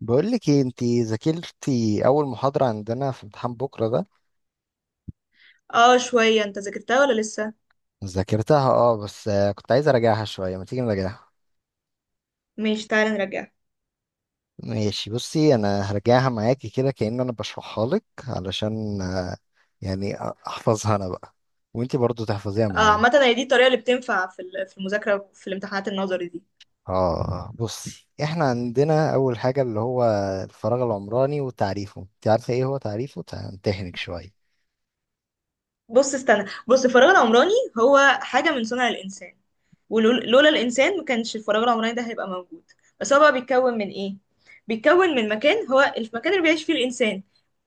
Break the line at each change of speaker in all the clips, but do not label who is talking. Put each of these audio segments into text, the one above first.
بقول لك ايه؟ انت ذاكرتي اول محاضرة عندنا في امتحان بكرة ده؟
اه، شوية. انت ذاكرتها ولا لسه؟
ذاكرتها اه، بس كنت عايز اراجعها شوية. ما تيجي نراجعها.
ماشي، تعالى نرجعها.
ماشي. بصي انا هرجعها معاكي كده كأن انا بشرحها لك علشان يعني احفظها انا بقى، وانت برضو تحفظيها
اه،
معايا.
عامة هي دي الطريقة اللي بتنفع في المذاكرة وفي الامتحانات النظري دي.
اه. بصي احنا عندنا اول حاجة اللي هو الفراغ العمراني وتعريفه. انت عارفة ايه هو تعريفه؟ امتحنك شوية.
بص استنى، بص الفراغ العمراني هو حاجة من صنع الإنسان، ولولا الإنسان ما كانش الفراغ العمراني ده هيبقى موجود. بس هو بقى بيتكون من إيه؟ بيتكون من مكان، هو المكان اللي بيعيش فيه الإنسان.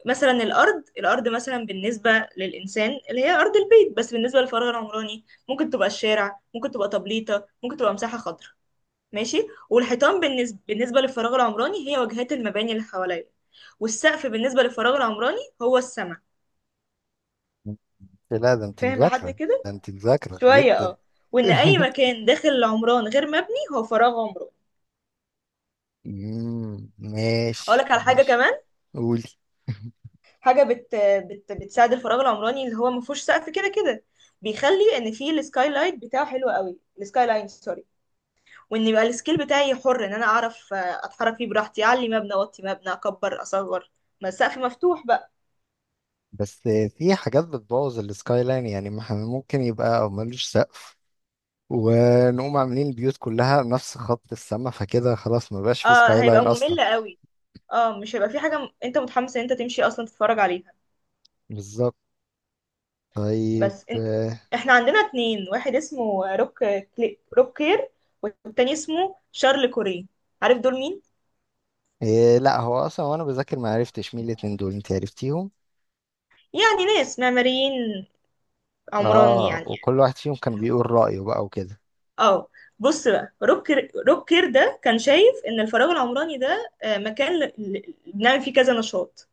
مثلا الأرض، الأرض مثلا بالنسبة للإنسان اللي هي أرض البيت، بس بالنسبة للفراغ العمراني ممكن تبقى الشارع، ممكن تبقى طبليطة، ممكن تبقى مساحة خضراء. ماشي، والحيطان بالنسبة للفراغ العمراني هي واجهات المباني اللي حواليا، والسقف بالنسبة للفراغ العمراني هو السما.
لا، ده انت
فاهم لحد
مذاكرة.
كده؟
ده انت مذاكرة
شوية
جدا.
اه. وان اي مكان داخل العمران غير مبني هو فراغ عمراني. اقول
ماشي
لك على حاجة
ماشي.
كمان.
قولي.
حاجة بت... بتساعد الفراغ العمراني اللي هو ما فيهوش سقف كده كده، بيخلي ان فيه السكاي لايت بتاعه حلو قوي، السكاي لاين سوري. وان يبقى السكيل بتاعي حر، ان انا اعرف اتحرك فيه براحتي، اعلي مبنى، اوطي مبنى، اكبر، اصغر، ما السقف مفتوح بقى.
بس في حاجات بتبوظ السكاي لاين، يعني ما احنا ممكن يبقى او ملوش سقف، ونقوم عاملين البيوت كلها نفس خط السما، فكده خلاص ما بقاش في
اه
سكاي
هيبقى
لاين اصلا.
ممل قوي. اه، مش هيبقى في انت متحمس ان انت تمشي اصلا تتفرج عليها.
بالظبط. طيب
بس إن... احنا عندنا اتنين، واحد اسمه روك كير، والتاني اسمه شارل كوري. عارف دول مين؟
إيه، لا هو اصلا وانا بذاكر ما عرفتش مين الاتنين دول، انت عرفتيهم؟
يعني ناس معماريين، عمراني
اه،
يعني.
وكل واحد فيهم كان
اللي هو-
بيقول رأيه بقى وكده.
اه، بص بقى روك كير ده كان شايف ان الفراغ العمراني ده مكان بنعمل فيه كذا نشاط،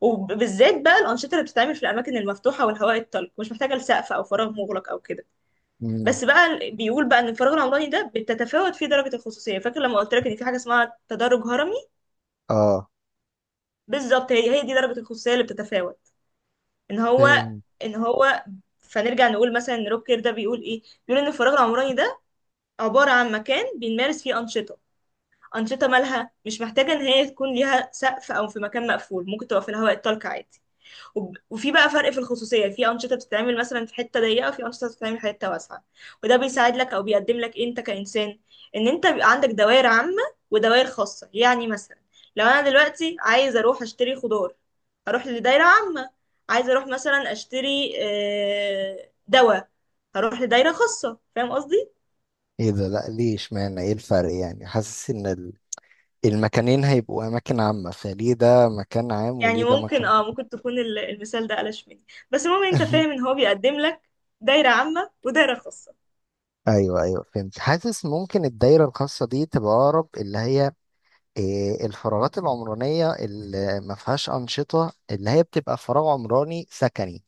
وبالذات بقى الأنشطة اللي بتتعمل في الأماكن المفتوحة والهواء الطلق مش محتاجة لسقف أو فراغ مغلق أو كده.
مم.
بس بقى بيقول بقى ان الفراغ العمراني ده بتتفاوت فيه درجه الخصوصيه. فاكر لما قلت لك ان في حاجه اسمها تدرج هرمي؟
اه.
بالظبط، هي دي درجه الخصوصيه اللي بتتفاوت. ان هو،
فين؟
ان هو، فنرجع نقول مثلا ان روب كير ده بيقول ايه. بيقول ان الفراغ العمراني ده عباره عن مكان بنمارس فيه انشطه، انشطه مالها مش محتاجه ان هي تكون ليها سقف او في مكان مقفول، ممكن تبقى في الهواء الطلق عادي. وفي بقى فرق في الخصوصية، في أنشطة بتتعمل مثلا في حتة ضيقة، وفي أنشطة بتتعمل في حتة واسعة. وده بيساعد لك أو بيقدم لك إيه أنت كإنسان؟ إن أنت بيبقى عندك دوائر عامة ودوائر خاصة. يعني مثلا لو أنا دلوقتي عايز أروح أشتري خضار، هروح لدايرة عامة. عايز أروح مثلا أشتري دواء، هروح لدايرة خاصة. فاهم قصدي؟
ايه ده؟ لا، ليه؟ اشمعنى؟ ايه الفرق يعني؟ حاسس ان المكانين هيبقوا اماكن عامة، فليه ده مكان عام وليه
يعني
ده
ممكن،
مكان
اه ممكن تكون المثال ده قلش مني، بس المهم انت فاهم ان هو بيقدم لك دايرة عامة ودايرة خاصة.
ايوه ايوه فهمت. حاسس ممكن الدايرة الخاصة دي تبقى اقرب اللي هي إيه، الفراغات العمرانية اللي ما فيهاش أنشطة، اللي هي بتبقى فراغ عمراني سكني.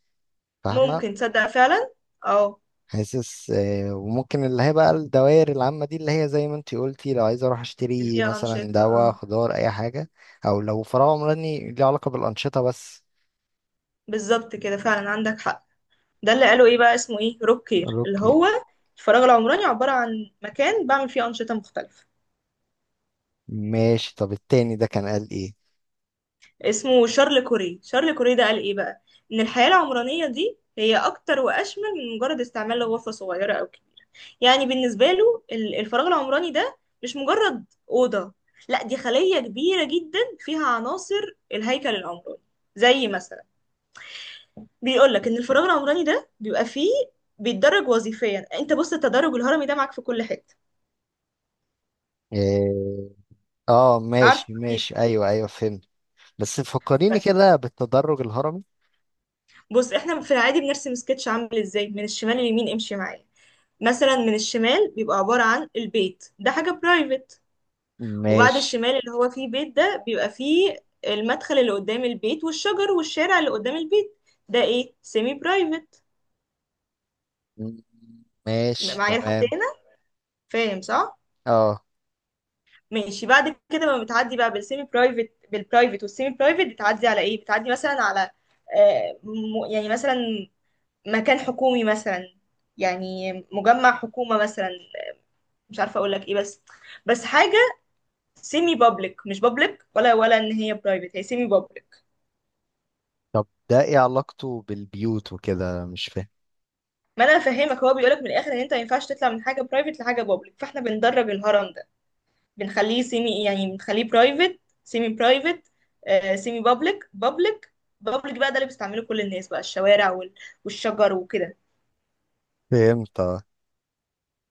فاهمة؟
ممكن تصدق فعلا. اه،
حاسس إيه، وممكن اللي هي بقى الدوائر العامة دي اللي هي زي ما انتي قلتي، لو عايزة اروح
اللي
اشتري
فيها
مثلا
أنشطة
دواء،
اه.
خضار، اي حاجة. او لو فراغ عمراني ليه علاقة بالأنشطة بس.
بالظبط كده، فعلا عندك حق. ده اللي قالوا ايه بقى اسمه، ايه، روك كير. اللي هو
روكير.
الفراغ العمراني عبارة عن مكان بعمل فيه أنشطة مختلفة.
ماشي، طب التاني ده كان قال ايه؟
اسمه شارل كوري. شارل كوري ده قال ايه بقى؟ ان الحياة العمرانية دي هي اكتر واشمل من مجرد استعمال لغرفة صغيرة او كبيرة. يعني بالنسبة له الفراغ العمراني ده مش مجرد أوضة، لا دي خلية كبيرة جدا فيها عناصر الهيكل العمراني. زي مثلا، بيقول لك ان الفراغ العمراني ده بيبقى فيه، بيتدرج وظيفيا. انت بص التدرج الهرمي ده معاك في كل حته.
إيه، اه
عارف
ماشي
اكيد.
ماشي ايوه ايوه فهمت. بس فكريني
بس
كده بالتدرج الهرمي.
بص احنا في العادي بنرسم سكتش عامل ازاي من الشمال لليمين، امشي معايا. مثلا من الشمال بيبقى عباره عن البيت، ده حاجه برايفت. وبعد
ماشي.
الشمال اللي هو فيه بيت ده بيبقى فيه المدخل اللي قدام البيت والشجر والشارع اللي قدام البيت، ده ايه؟ سيمي برايفت.
م- ماشي
معايا لحد
تمام.
هنا؟ فاهم صح؟
اه.
ماشي، بعد كده لما بتعدي بقى بالسيمي برايفت، بالبرايفت والسيمي برايفت بتعدي على ايه؟ بتعدي مثلا على يعني مثلا مكان حكومي مثلا، يعني مجمع حكومة مثلا، مش عارفة اقول لك ايه، بس بس حاجة سيمي بابليك، مش بابليك ولا ان هي برايفت، هي سيمي بابليك.
طب ده ايه علاقته بالبيوت وكده، مش فاهم.
ما انا فاهمك، هو بيقولك من الاخر ان انت ما ينفعش تطلع من حاجة برايفت لحاجة بابليك، فاحنا بندرج الهرم ده، بنخليه سيمي، يعني بنخليه برايفت، سيمي برايفت، سيمي بابليك، بابليك. بابليك بقى ده اللي بيستعمله كل الناس بقى، الشوارع والشجر وكده.
فهمت اه.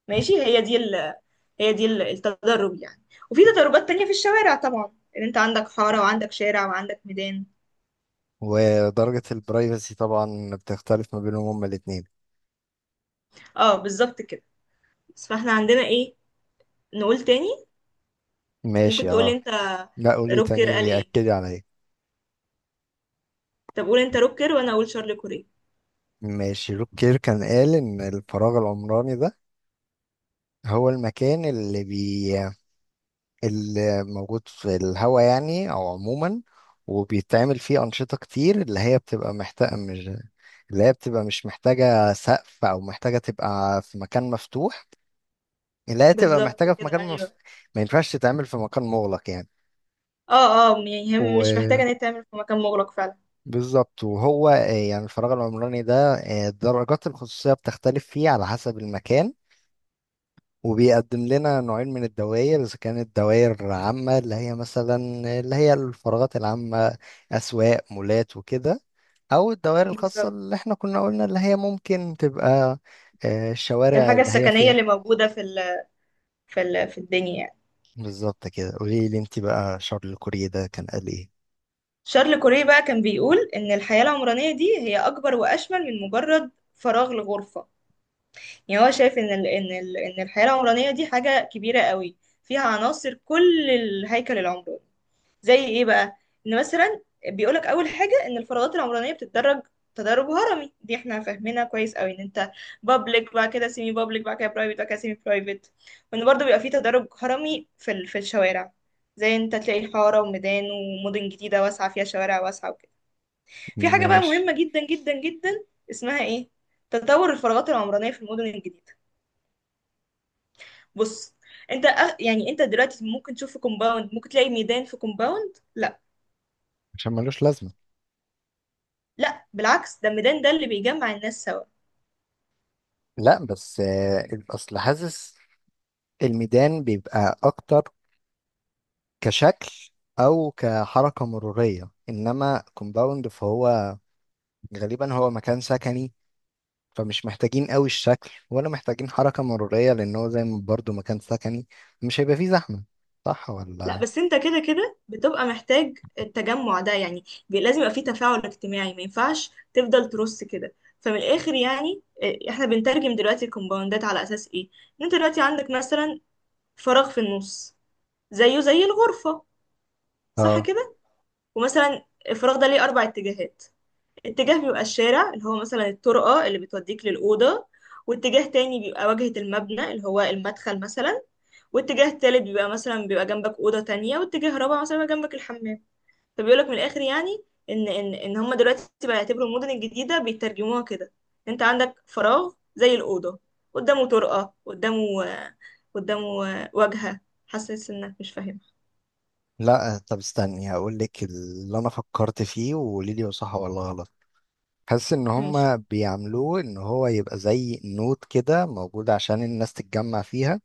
ماشي، هي دي التدرب يعني. وفي تدربات تانية في الشوارع طبعا، ان انت عندك حارة وعندك شارع وعندك ميدان.
ودرجة البرايفسي طبعا بتختلف ما بينهم هما الاتنين.
اه بالظبط كده. بس فاحنا عندنا ايه؟ نقول تاني. ممكن
ماشي
تقول
اه.
انت.
لا، قولي
روكر قال
تاني،
ايه؟
أكدي عليا.
طب قول انت روكر، وانا اقول شارل كوريه.
ماشي. روكير كان قال إن الفراغ العمراني ده هو المكان اللي موجود في الهواء، يعني او عموما، وبيتعمل فيه انشطه كتير اللي هي بتبقى مش محتاجه سقف، او محتاجه تبقى في مكان مفتوح، اللي هي تبقى
بالظبط
محتاجه في
كده،
مكان مف...
ايوه.
ما ينفعش تتعمل في مكان مغلق يعني.
اه اه، يعني هي مش محتاجة ان هي تعمل في مكان مغلق فعلا.
وبالظبط، وهو يعني الفراغ العمراني ده درجات الخصوصيه بتختلف فيه على حسب المكان، وبيقدم لنا نوعين من الدوائر. إذا كانت دوائر عامة اللي هي مثلا اللي هي الفراغات العامة، أسواق، مولات وكده، أو الدوائر الخاصة
بالظبط.
اللي احنا كنا قلنا اللي هي ممكن تبقى الشوارع
الحاجة
اللي هي
السكنية
فيها.
اللي موجودة في الدنيا يعني.
بالظبط كده. قولي لي انت بقى، شارل كوريه ده كان قال ايه؟
شارل كوري بقى كان بيقول إن الحياة العمرانية دي هي أكبر وأشمل من مجرد فراغ لغرفة. يعني هو شايف إن الحياة العمرانية دي حاجة كبيرة قوي، فيها عناصر كل الهيكل العمراني. زي ايه بقى؟ ان مثلا، بيقولك اول حاجه ان الفراغات العمرانيه بتتدرج، تدرج هرمي. دي احنا فاهمينها كويس قوي، ان انت بابليك، بعد كده سيمي بابليك، بعد كده برايفت، بعد كده سيمي برايفت. وان برضه بيبقى فيه تدرج هرمي في الشوارع، زي انت تلاقي حاره وميدان، ومدن جديده واسعه فيها شوارع واسعه وكده. في حاجه بقى
ماشي،
مهمه جدا جدا جدا، اسمها ايه؟ تطور الفراغات العمرانيه في المدن الجديده. بص، يعني انت دلوقتي ممكن تشوف في كومباوند ممكن تلاقي ميدان في كومباوند؟ لا.
عشان ملوش لازمة.
لا بالعكس، ده الميدان ده اللي بيجمع الناس سوا.
لا، بس اصل حاسس الميدان بيبقى اكتر كشكل او كحركة مرورية، انما كومباوند فهو غالبا هو مكان سكني، فمش محتاجين قوي الشكل ولا محتاجين حركة مرورية، لأن هو زي ما برضه مكان سكني، مش هيبقى فيه زحمة. صح
لا
ولا؟
بس انت كده كده بتبقى محتاج التجمع ده، يعني لازم يبقى فيه تفاعل اجتماعي، ما ينفعش تفضل ترص كده. فمن الاخر يعني اه، احنا بنترجم دلوقتي الكومباوندات على اساس ايه. ان انت دلوقتي عندك مثلا فراغ في النص، زيه زي الغرفة، صح
اه.
كده؟ ومثلا الفراغ ده ليه اربع اتجاهات، اتجاه بيبقى الشارع اللي هو مثلا الطرقة اللي بتوديك للأوضة، واتجاه تاني بيبقى واجهة المبنى اللي هو المدخل مثلا، واتجاه تالت بيبقى مثلا بيبقى جنبك أوضة تانية، واتجاه رابع مثلا بيبقى جنبك الحمام. فبيقولك من الآخر يعني، إن هما دلوقتي بقى يعتبروا المدن الجديدة بيترجموها كده. أنت عندك فراغ زي الأوضة، قدامه طرقة، قدامه، قدامه واجهة. حاسس إنك مش فاهم.
لا، طب استني هقول لك اللي أنا فكرت فيه وقولي لي هو صح ولا غلط. حاسس إن
ماشي.
هما بيعملوه إن هو يبقى زي نوت كده موجود عشان الناس تتجمع فيها.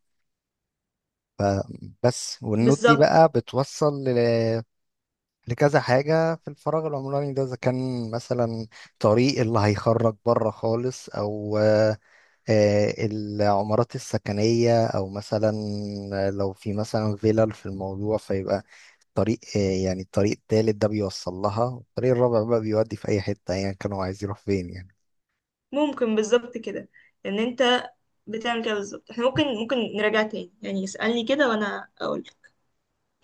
بس والنوت دي
بالظبط.
بقى بتوصل لكذا حاجة في الفراغ العمراني ده. إذا كان مثلا طريق اللي هيخرج بره خالص، أو العمارات السكنية، أو مثلا لو في مثلا فيلل في الموضوع، فيبقى طريق يعني الطريق التالت ده بيوصل لها، والطريق الرابع بقى بيودي في أي حتة أيا يعني كانوا عايزين يروح فين يعني.
ممكن، بالظبط كده، ان انت بتعمل كده بالظبط. احنا ممكن، ممكن نراجع تاني، يعني اسألني كده وانا اقول،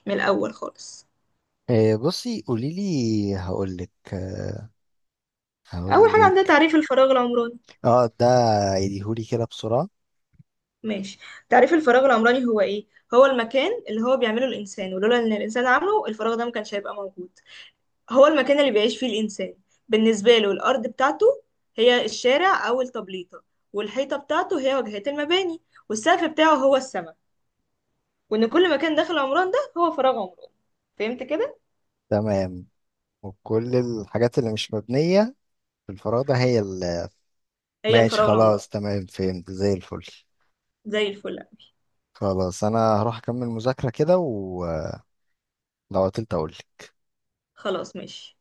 من الاول خالص.
بصي قوليلي هقولك.
اول حاجة
هقولك.
عندنا تعريف الفراغ العمراني.
اه ده، عيديهولي كده بسرعة.
ماشي، تعريف الفراغ العمراني هو ايه؟ هو المكان اللي هو بيعمله الانسان، ولولا ان الانسان عامله الفراغ ده ما كانش هيبقى موجود. هو المكان اللي بيعيش فيه الانسان، بالنسبة له الارض بتاعته هي الشارع او التبليطة، والحيطة بتاعته هي واجهات المباني، والسقف بتاعه هو السماء. وان كل مكان داخل عمران ده هو فراغ عمراني. فهمت كده؟
تمام. وكل الحاجات اللي مش مبنية في الفراغ ده هي اللي.
هي
ماشي
الفراولة عمرها.
خلاص تمام، فهمت زي الفل.
زي الفل أوي.
خلاص أنا هروح أكمل مذاكرة كده، ولو عطلت أقولك.
خلاص ماشي.